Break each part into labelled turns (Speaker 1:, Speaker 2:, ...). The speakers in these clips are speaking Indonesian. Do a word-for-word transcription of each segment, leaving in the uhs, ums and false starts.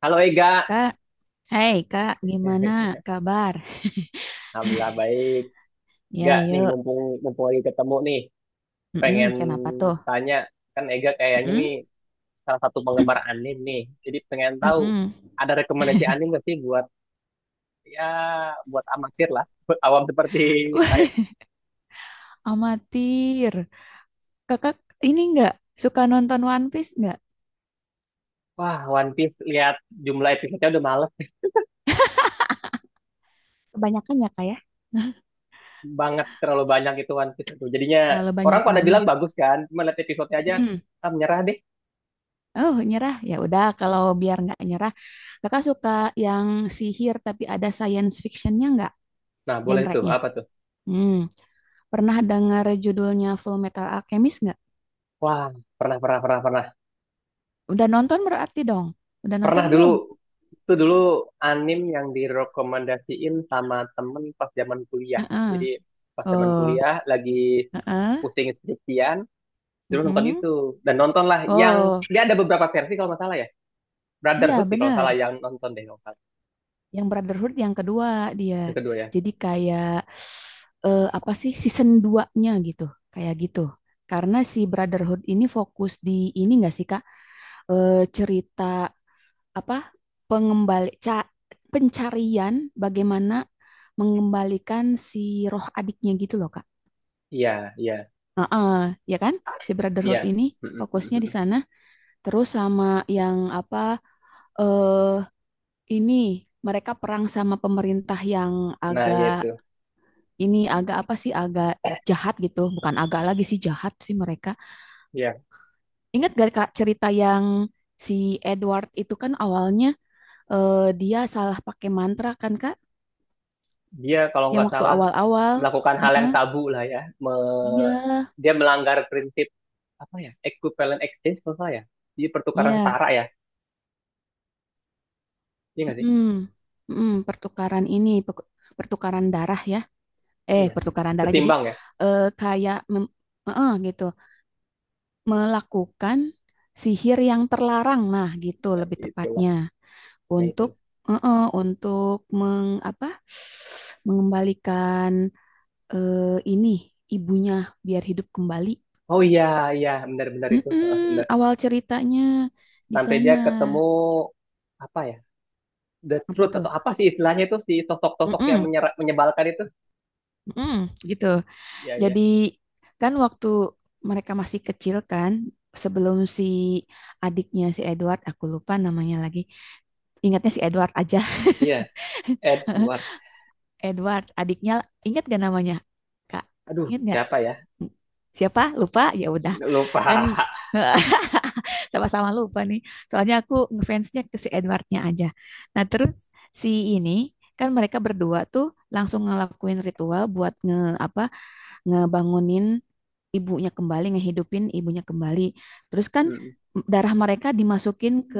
Speaker 1: Halo Ega.
Speaker 2: Kak, hai Kak, gimana kabar?
Speaker 1: Alhamdulillah baik.
Speaker 2: Ya,
Speaker 1: Gak nih,
Speaker 2: yuk.
Speaker 1: mumpung mumpung lagi ketemu nih,
Speaker 2: Mm-mm,
Speaker 1: pengen
Speaker 2: kenapa tuh?
Speaker 1: tanya, kan Ega kayaknya nih
Speaker 2: Mm-mm,
Speaker 1: salah satu penggemar anim nih. Jadi pengen tahu,
Speaker 2: mm-mm.
Speaker 1: ada rekomendasi anim gak sih buat, ya, buat amatir lah, buat awam seperti saya.
Speaker 2: Amatir. Kakak ini nggak suka nonton One Piece nggak?
Speaker 1: Wah, One Piece, lihat jumlah episodenya udah males
Speaker 2: Kebanyakan ya Kak ya?
Speaker 1: banget, terlalu banyak itu One Piece itu. Jadinya
Speaker 2: Terlalu
Speaker 1: orang
Speaker 2: banyak
Speaker 1: pada bilang
Speaker 2: banget.
Speaker 1: bagus kan, cuma lihat episodenya aja,
Speaker 2: Mm.
Speaker 1: ah menyerah deh.
Speaker 2: Oh, nyerah. Ya udah, kalau biar nggak nyerah. Kakak suka yang sihir tapi ada science fictionnya nggak?
Speaker 1: Nah, boleh tuh,
Speaker 2: Genre-nya.
Speaker 1: apa tuh?
Speaker 2: Hmm. Pernah dengar judulnya Full Metal Alchemist nggak?
Speaker 1: Wah, pernah pernah pernah pernah.
Speaker 2: Udah nonton berarti dong? Udah nonton
Speaker 1: Pernah dulu.
Speaker 2: belum?
Speaker 1: Itu dulu anim yang direkomendasiin sama temen pas zaman kuliah.
Speaker 2: Heeh.
Speaker 1: Jadi pas zaman
Speaker 2: Oh,
Speaker 1: kuliah lagi
Speaker 2: heeh,
Speaker 1: pusing skripsian, dulu nonton
Speaker 2: mm-mm.
Speaker 1: itu. Dan nontonlah yang,
Speaker 2: Oh,
Speaker 1: dia ada beberapa versi kalau nggak salah ya.
Speaker 2: iya
Speaker 1: Brotherhood sih kalau
Speaker 2: benar.
Speaker 1: salah yang nonton deh kalau nggak salah.
Speaker 2: Yang Brotherhood yang kedua dia.
Speaker 1: Yang kedua ya.
Speaker 2: Jadi kayak eh, apa sih season duanya gitu. Kayak gitu. Karena si Brotherhood ini fokus di ini enggak sih Kak? Eh, cerita apa? Pengembali ca- pencarian bagaimana mengembalikan si roh adiknya gitu loh Kak.
Speaker 1: Iya, iya,
Speaker 2: Heeh, ya kan? Si Brotherhood
Speaker 1: iya.
Speaker 2: ini fokusnya di sana terus sama yang apa? eh Ini mereka perang sama pemerintah yang
Speaker 1: Nah, ya
Speaker 2: agak
Speaker 1: itu.
Speaker 2: ini agak apa sih agak jahat gitu, bukan agak lagi sih jahat sih mereka.
Speaker 1: Ya,
Speaker 2: Ingat gak Kak cerita yang si Edward itu kan awalnya eh, dia salah pakai mantra kan Kak,
Speaker 1: dia kalau
Speaker 2: yang
Speaker 1: nggak
Speaker 2: waktu
Speaker 1: salah
Speaker 2: awal-awal.
Speaker 1: melakukan hal
Speaker 2: Heeh,
Speaker 1: yang tabu lah ya. Me-
Speaker 2: iya,
Speaker 1: Dia melanggar prinsip apa ya? Equivalent exchange kalau nggak salah ya. Jadi pertukaran
Speaker 2: iya.
Speaker 1: setara ya. Iya nggak sih?
Speaker 2: Mm-mm. Mm-mm, pertukaran ini pe- pertukaran darah ya. Eh,
Speaker 1: Iya,
Speaker 2: pertukaran darah jadi
Speaker 1: setimbang ya.
Speaker 2: eh, kayak mem- heeh, gitu. Melakukan sihir yang terlarang. Nah, gitu
Speaker 1: Nah,
Speaker 2: lebih
Speaker 1: itulah.
Speaker 2: tepatnya
Speaker 1: Nah,
Speaker 2: untuk
Speaker 1: itulah.
Speaker 2: eh, eh, untuk meng apa mengembalikan eh, ini ibunya biar hidup kembali.
Speaker 1: Oh iya, iya, benar-benar itu. Heeh,
Speaker 2: Mm-mm,
Speaker 1: benar.
Speaker 2: awal ceritanya di
Speaker 1: Sampai dia
Speaker 2: sana
Speaker 1: ketemu apa ya? The
Speaker 2: apa
Speaker 1: Truth
Speaker 2: tuh?
Speaker 1: atau apa sih istilahnya itu si sosok-sosok yang
Speaker 2: Mm-mm,
Speaker 1: menyera- menyebalkan itu?
Speaker 2: mm-mm, gitu.
Speaker 1: Iya, iya.
Speaker 2: Jadi kan waktu mereka masih kecil kan sebelum si adiknya si Edward aku lupa namanya lagi. Ingatnya si Edward aja.
Speaker 1: Iya, Edward.
Speaker 2: Edward, adiknya ingat gak namanya? Kak,
Speaker 1: Aduh,
Speaker 2: ingat gak?
Speaker 1: siapa ya?
Speaker 2: Siapa? Lupa? Ya udah.
Speaker 1: Lupa.
Speaker 2: Kan sama-sama lupa nih. Soalnya aku ngefansnya ke si Edwardnya aja. Nah, terus si ini kan mereka berdua tuh langsung ngelakuin ritual buat nge apa ngebangunin ibunya kembali ngehidupin ibunya kembali terus kan
Speaker 1: Mm.
Speaker 2: darah mereka dimasukin ke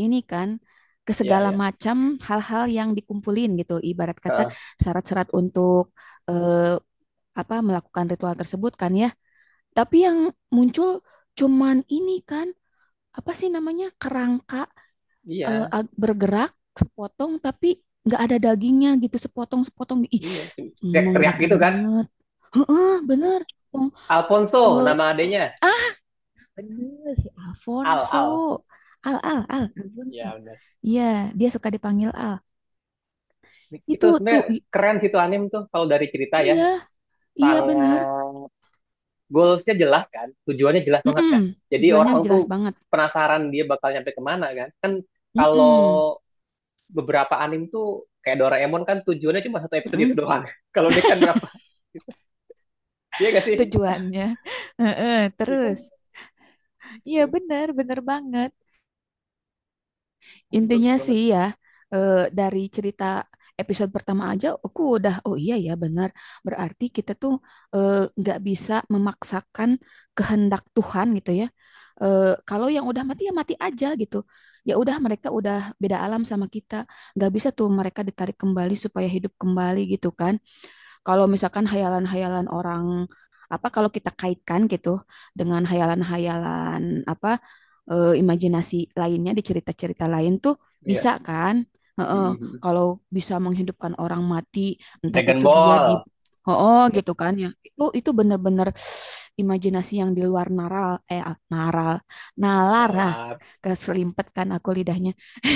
Speaker 2: ini kan ke
Speaker 1: Iya,
Speaker 2: segala
Speaker 1: iya.
Speaker 2: macam hal-hal yang dikumpulin gitu ibarat kata
Speaker 1: Heeh,
Speaker 2: syarat-syarat untuk eh, apa melakukan ritual tersebut kan ya tapi yang muncul cuman ini kan apa sih namanya kerangka eh,
Speaker 1: iya,
Speaker 2: ag- bergerak sepotong tapi nggak ada dagingnya gitu sepotong-sepotong. Ih,
Speaker 1: iya. Cuma teriak-teriak
Speaker 2: mengerikan
Speaker 1: gitu kan.
Speaker 2: banget. Heeh, bener. Pong-
Speaker 1: Alfonso
Speaker 2: eh,
Speaker 1: nama adanya.
Speaker 2: Bener si
Speaker 1: Al, Al.
Speaker 2: Alfonso. Al Al Al Alfonso.
Speaker 1: Iya, benar.
Speaker 2: Iya, dia suka dipanggil Al.
Speaker 1: Itu
Speaker 2: Itu tuh
Speaker 1: sebenarnya
Speaker 2: i-
Speaker 1: keren gitu anim tuh kalau dari cerita ya.
Speaker 2: iya, iya bener.
Speaker 1: Sangat, goalsnya jelas kan, tujuannya jelas banget
Speaker 2: Mm-mm.
Speaker 1: kan. Jadi
Speaker 2: Tujuannya
Speaker 1: orang tuh
Speaker 2: jelas banget.
Speaker 1: penasaran dia bakal nyampe kemana kan. Kan kalau
Speaker 2: Mm-mm.
Speaker 1: beberapa anime tuh kayak Doraemon kan tujuannya cuma satu episode itu
Speaker 2: Mm-mm.
Speaker 1: doang. Kalau dia kan berapa? Gitu. Iya gak sih?
Speaker 2: Tujuannya. Heeh,
Speaker 1: Iya kan?
Speaker 2: terus. Iya
Speaker 1: Tuh,
Speaker 2: bener, bener banget.
Speaker 1: jadi bagus
Speaker 2: Intinya
Speaker 1: banget.
Speaker 2: sih ya, eh, dari cerita episode pertama aja, aku udah, oh iya ya benar. Berarti kita tuh eh, nggak bisa memaksakan kehendak Tuhan gitu ya. Eh, kalau yang udah mati ya mati aja gitu. Ya udah mereka udah beda alam sama kita. Nggak bisa tuh mereka ditarik kembali supaya hidup kembali gitu kan. Kalau misalkan hayalan-hayalan orang apa kalau kita kaitkan gitu dengan hayalan-hayalan apa eh, imajinasi lainnya di cerita-cerita lain tuh
Speaker 1: Iya.
Speaker 2: bisa kan? Heeh,
Speaker 1: Mhm.
Speaker 2: kalau bisa menghidupkan orang mati, entah
Speaker 1: Dragon
Speaker 2: itu dia di
Speaker 1: Ball.
Speaker 2: oh oh, gitu kan ya. Itu itu benar-benar imajinasi yang di luar naral eh ah, naral nalar, ah
Speaker 1: Dalam.
Speaker 2: keselimpet kan aku lidahnya,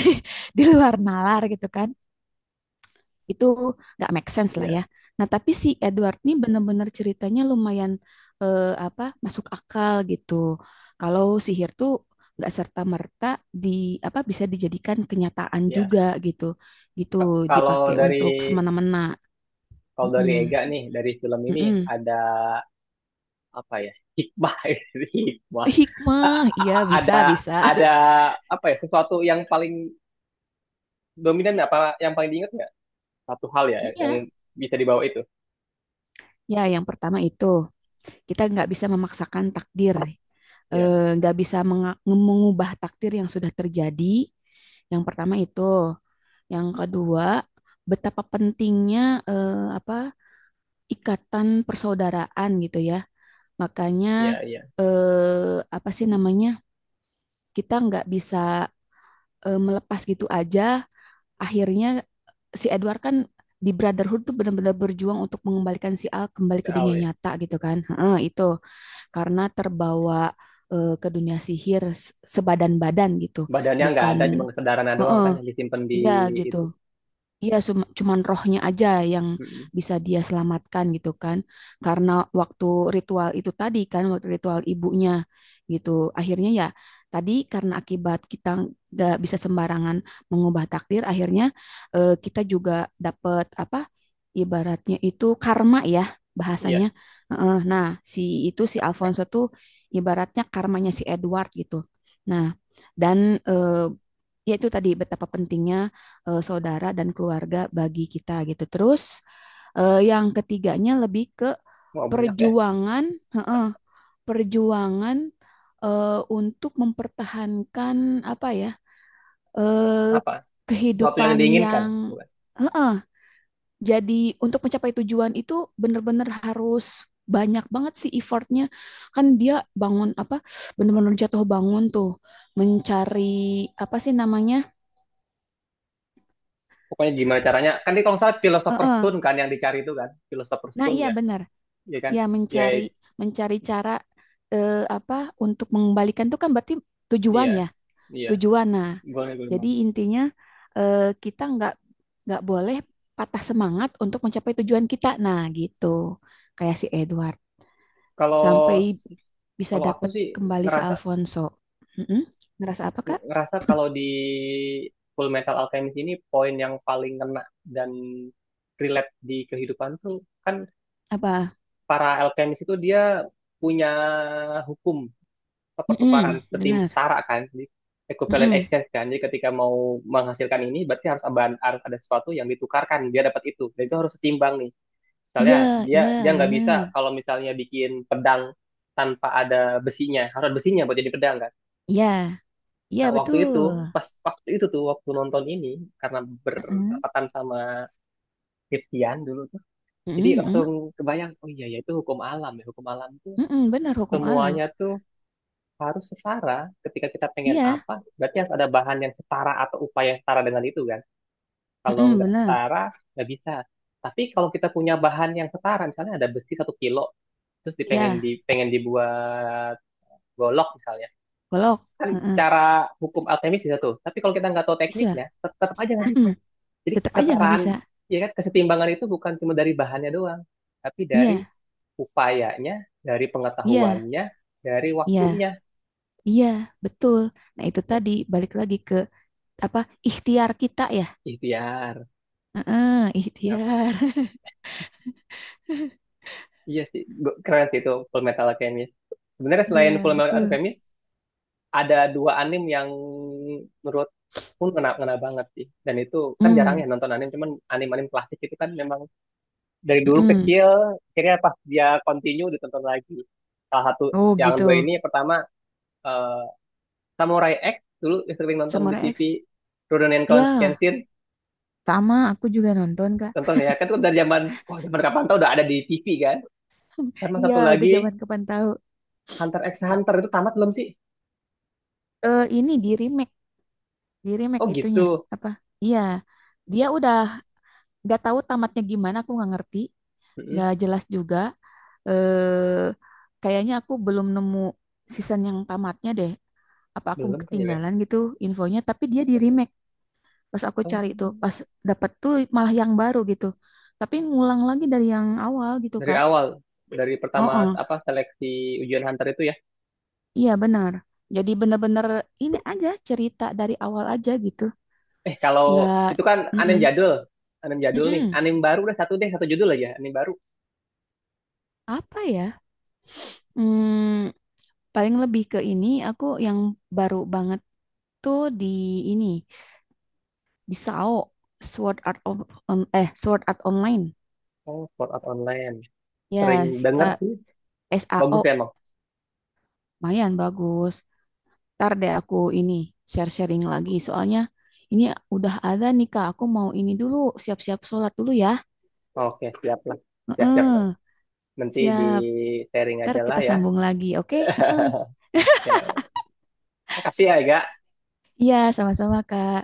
Speaker 2: di luar nalar gitu kan itu nggak make sense lah ya.
Speaker 1: Iya.
Speaker 2: Nah, tapi si Edward ini bener-bener ceritanya lumayan eh, apa masuk akal gitu. Kalau sihir tuh nggak serta-merta di apa bisa dijadikan kenyataan
Speaker 1: Iya.
Speaker 2: juga gitu. Gitu
Speaker 1: Ka- Kalau
Speaker 2: dipakai
Speaker 1: dari,
Speaker 2: untuk semena-mena.
Speaker 1: kalau dari
Speaker 2: Mm-mm,
Speaker 1: Ega nih, dari film ini
Speaker 2: mm-mm.
Speaker 1: ada apa ya? Hikmah, hikmah. A-
Speaker 2: Hikmah, iya
Speaker 1: Ada
Speaker 2: bisa bisa.
Speaker 1: ada apa ya? Sesuatu yang paling dominan, apa yang paling diingat, nggak satu hal ya
Speaker 2: Iya,
Speaker 1: yang bisa dibawa itu,
Speaker 2: ya yang pertama itu. Kita nggak bisa memaksakan takdir,
Speaker 1: ya,
Speaker 2: eh, nggak bisa mengubah takdir yang sudah terjadi. Yang pertama itu, yang kedua betapa pentingnya eh, apa ikatan persaudaraan gitu ya. Makanya
Speaker 1: iya, iya,
Speaker 2: eh, apa sih namanya kita nggak bisa eh, melepas gitu aja. Akhirnya si Edward kan di Brotherhood tuh benar-benar berjuang untuk mengembalikan si Al kembali ke dunia
Speaker 1: soal ya,
Speaker 2: nyata gitu kan. Heeh, itu. Karena terbawa eh, ke dunia sihir sebadan-badan gitu,
Speaker 1: badannya nggak
Speaker 2: bukan
Speaker 1: ada cuma kesadarannya doang
Speaker 2: heeh,
Speaker 1: kan yang disimpan di
Speaker 2: iya gitu.
Speaker 1: itu.
Speaker 2: Iya, cum- cuman rohnya aja yang
Speaker 1: Mm-mm.
Speaker 2: bisa dia selamatkan gitu kan. Karena waktu ritual itu tadi kan, waktu ritual ibunya gitu. Akhirnya ya tadi karena akibat kita nggak bisa sembarangan mengubah takdir, akhirnya eh, kita juga dapat apa? Ibaratnya itu karma ya bahasanya.
Speaker 1: Iya,
Speaker 2: Heeh, nah, si itu si Alfonso tuh ibaratnya karmanya si Edward gitu. Nah, dan eh, yaitu tadi betapa pentingnya eh, saudara dan keluarga bagi kita gitu. Terus eh, yang ketiganya lebih ke
Speaker 1: mau banyak ya,
Speaker 2: perjuangan, heeh, perjuangan eh, untuk mempertahankan apa ya eh,
Speaker 1: apa, sesuatu yang
Speaker 2: kehidupan
Speaker 1: diinginkan
Speaker 2: yang
Speaker 1: bukan,
Speaker 2: heeh, jadi untuk mencapai tujuan itu benar-benar harus banyak banget sih effortnya. Kan dia bangun apa benar-benar jatuh bangun tuh mencari apa sih namanya?
Speaker 1: pokoknya gimana caranya kan ini kalau nggak salah philosopher's
Speaker 2: Uh-uh.
Speaker 1: stone kan yang dicari itu kan philosopher's
Speaker 2: Nah,
Speaker 1: stone
Speaker 2: iya
Speaker 1: ya,
Speaker 2: benar.
Speaker 1: iya kan,
Speaker 2: Ya,
Speaker 1: ya,
Speaker 2: mencari mencari cara eh, apa untuk mengembalikan itu kan berarti tujuan
Speaker 1: iya,
Speaker 2: ya,
Speaker 1: iya.
Speaker 2: tujuan. Nah,
Speaker 1: Gue gue
Speaker 2: jadi
Speaker 1: bilang,
Speaker 2: intinya eh, kita nggak nggak boleh patah semangat untuk mencapai tujuan kita. Nah, gitu. Kayak si Edward sampai
Speaker 1: kalau
Speaker 2: bisa
Speaker 1: kalau aku
Speaker 2: dapat
Speaker 1: sih
Speaker 2: kembali si
Speaker 1: ngerasa,
Speaker 2: Alfonso. Mm-mm. Ngerasa apa, Kak?
Speaker 1: ngerasa kalau di Full Metal Alchemist ini poin yang paling kena dan relate di kehidupan tuh, kan
Speaker 2: Apa?
Speaker 1: para alchemist itu dia punya hukum apa, pertukaran
Speaker 2: Mm-mm,
Speaker 1: setim
Speaker 2: benar.
Speaker 1: setara kan, jadi equivalent
Speaker 2: Mm-mm.
Speaker 1: exchange kan, jadi ketika mau menghasilkan ini berarti harus ada, harus ada sesuatu yang ditukarkan, dia dapat itu dan itu harus setimbang nih. Misalnya
Speaker 2: Iya,
Speaker 1: dia
Speaker 2: iya,
Speaker 1: dia nggak bisa
Speaker 2: benar.
Speaker 1: kalau misalnya bikin pedang tanpa ada besinya, harus ada besinya buat jadi pedang kan.
Speaker 2: Iya, iya
Speaker 1: Nah, waktu itu,
Speaker 2: betul.
Speaker 1: pas waktu itu tuh, waktu nonton ini, karena
Speaker 2: Mm-mm.
Speaker 1: bertepatan sama Kriptian dulu tuh, jadi
Speaker 2: Mm-mm, mm-mm.
Speaker 1: langsung kebayang, oh iya, ya itu hukum alam ya. Hukum alam tuh
Speaker 2: Mm-mm, benar hukum alam.
Speaker 1: semuanya tuh harus setara. Ketika kita pengen
Speaker 2: Iya,
Speaker 1: apa, berarti harus ada bahan yang setara atau upaya yang setara dengan itu kan. Kalau
Speaker 2: mm
Speaker 1: nggak
Speaker 2: bener.
Speaker 1: setara, nggak bisa. Tapi kalau kita punya bahan yang setara, misalnya ada besi satu kilo, terus dipengen
Speaker 2: Iya,
Speaker 1: di, pengen dibuat golok misalnya,
Speaker 2: golok.
Speaker 1: kan
Speaker 2: Mm-mm,
Speaker 1: secara hukum alkemis bisa tuh. Tapi kalau kita nggak tahu
Speaker 2: bisa.
Speaker 1: tekniknya, tet- tetap aja nggak bisa.
Speaker 2: Mm-mm,
Speaker 1: Jadi
Speaker 2: tetap aja nggak
Speaker 1: kesetaraan,
Speaker 2: bisa.
Speaker 1: ya kan kesetimbangan itu bukan cuma dari bahannya doang, tapi dari
Speaker 2: Iya,
Speaker 1: upayanya, dari
Speaker 2: iya,
Speaker 1: pengetahuannya, dari
Speaker 2: iya,
Speaker 1: waktunya.
Speaker 2: iya, betul. Nah itu
Speaker 1: Wah,
Speaker 2: tadi balik lagi ke apa ikhtiar kita ya.
Speaker 1: ikhtiar.
Speaker 2: Mm-mm,
Speaker 1: Ya,
Speaker 2: ikhtiar.
Speaker 1: iya sih, Gu- keren sih itu Full Metal Alchemist. Sebenarnya
Speaker 2: Iya,
Speaker 1: selain Full Metal
Speaker 2: betul.
Speaker 1: Alchemist, ada dua anime yang menurut pun ngena, ngena banget sih. Dan itu kan jarang
Speaker 2: Mm,
Speaker 1: ya nonton anime, cuman anime-anime klasik itu kan memang dari dulu
Speaker 2: mm-mm.
Speaker 1: kecil, akhirnya pas dia continue ditonton lagi. Salah satu
Speaker 2: Oh
Speaker 1: yang
Speaker 2: gitu.
Speaker 1: dua ini, yang pertama eh, Samurai X, dulu yang sering nonton di
Speaker 2: Samurai
Speaker 1: T V,
Speaker 2: X.
Speaker 1: Rurouni
Speaker 2: Ya,
Speaker 1: Kenshin
Speaker 2: sama. Aku juga nonton kak.
Speaker 1: contohnya, ya kan, itu dari zaman, wah zaman kapan tau udah ada di T V kan. Sama
Speaker 2: Iya,
Speaker 1: satu
Speaker 2: udah
Speaker 1: lagi
Speaker 2: zaman kapan tahu.
Speaker 1: Hunter X Hunter, itu tamat belum sih?
Speaker 2: Eh ini di remake, di remake
Speaker 1: Oh
Speaker 2: itunya
Speaker 1: gitu.
Speaker 2: apa? Iya, dia udah nggak tahu tamatnya gimana. Aku nggak ngerti.
Speaker 1: Mm-mm,
Speaker 2: Nggak jelas juga. Eh, kayaknya aku belum nemu season yang tamatnya deh. Apa aku
Speaker 1: belum kayaknya.
Speaker 2: ketinggalan gitu infonya? Tapi dia di remake. Pas aku
Speaker 1: Oh,
Speaker 2: cari itu, pas dapat tuh malah yang baru gitu. Tapi ngulang lagi dari yang awal gitu
Speaker 1: dari
Speaker 2: Kak.
Speaker 1: awal, dari
Speaker 2: Oh,
Speaker 1: pertama
Speaker 2: oh.
Speaker 1: apa seleksi ujian Hunter itu ya.
Speaker 2: Iya benar. Jadi bener-bener ini aja cerita dari awal aja gitu.
Speaker 1: Eh kalau
Speaker 2: Nggak,
Speaker 1: itu kan anim
Speaker 2: mm-mm,
Speaker 1: jadul, anim jadul nih,
Speaker 2: mm-mm.
Speaker 1: anim baru udah, satu deh, satu judul aja anim baru.
Speaker 2: Apa ya? Hmm, paling lebih ke ini aku yang baru banget tuh di ini. Bisao, Sword Art of, on- eh Sword Art Online.
Speaker 1: Oh, Sword Art Online, sering
Speaker 2: Ya, si
Speaker 1: denger
Speaker 2: Kak
Speaker 1: sih, bagus ya
Speaker 2: S A O
Speaker 1: emang.
Speaker 2: lumayan bagus. Ntar deh aku ini share-sharing lagi soalnya ini udah ada nih Kak. Aku mau ini dulu siap-siap sholat dulu ya.
Speaker 1: Oke, siap lah, siap siap,
Speaker 2: Heeh,
Speaker 1: nanti di
Speaker 2: siap.
Speaker 1: sharing
Speaker 2: Ntar
Speaker 1: aja lah
Speaker 2: kita
Speaker 1: ya.
Speaker 2: sambung lagi, oke? Heeh.
Speaker 1: Ya, makasih ya Ega.
Speaker 2: Iya, sama-sama Kak.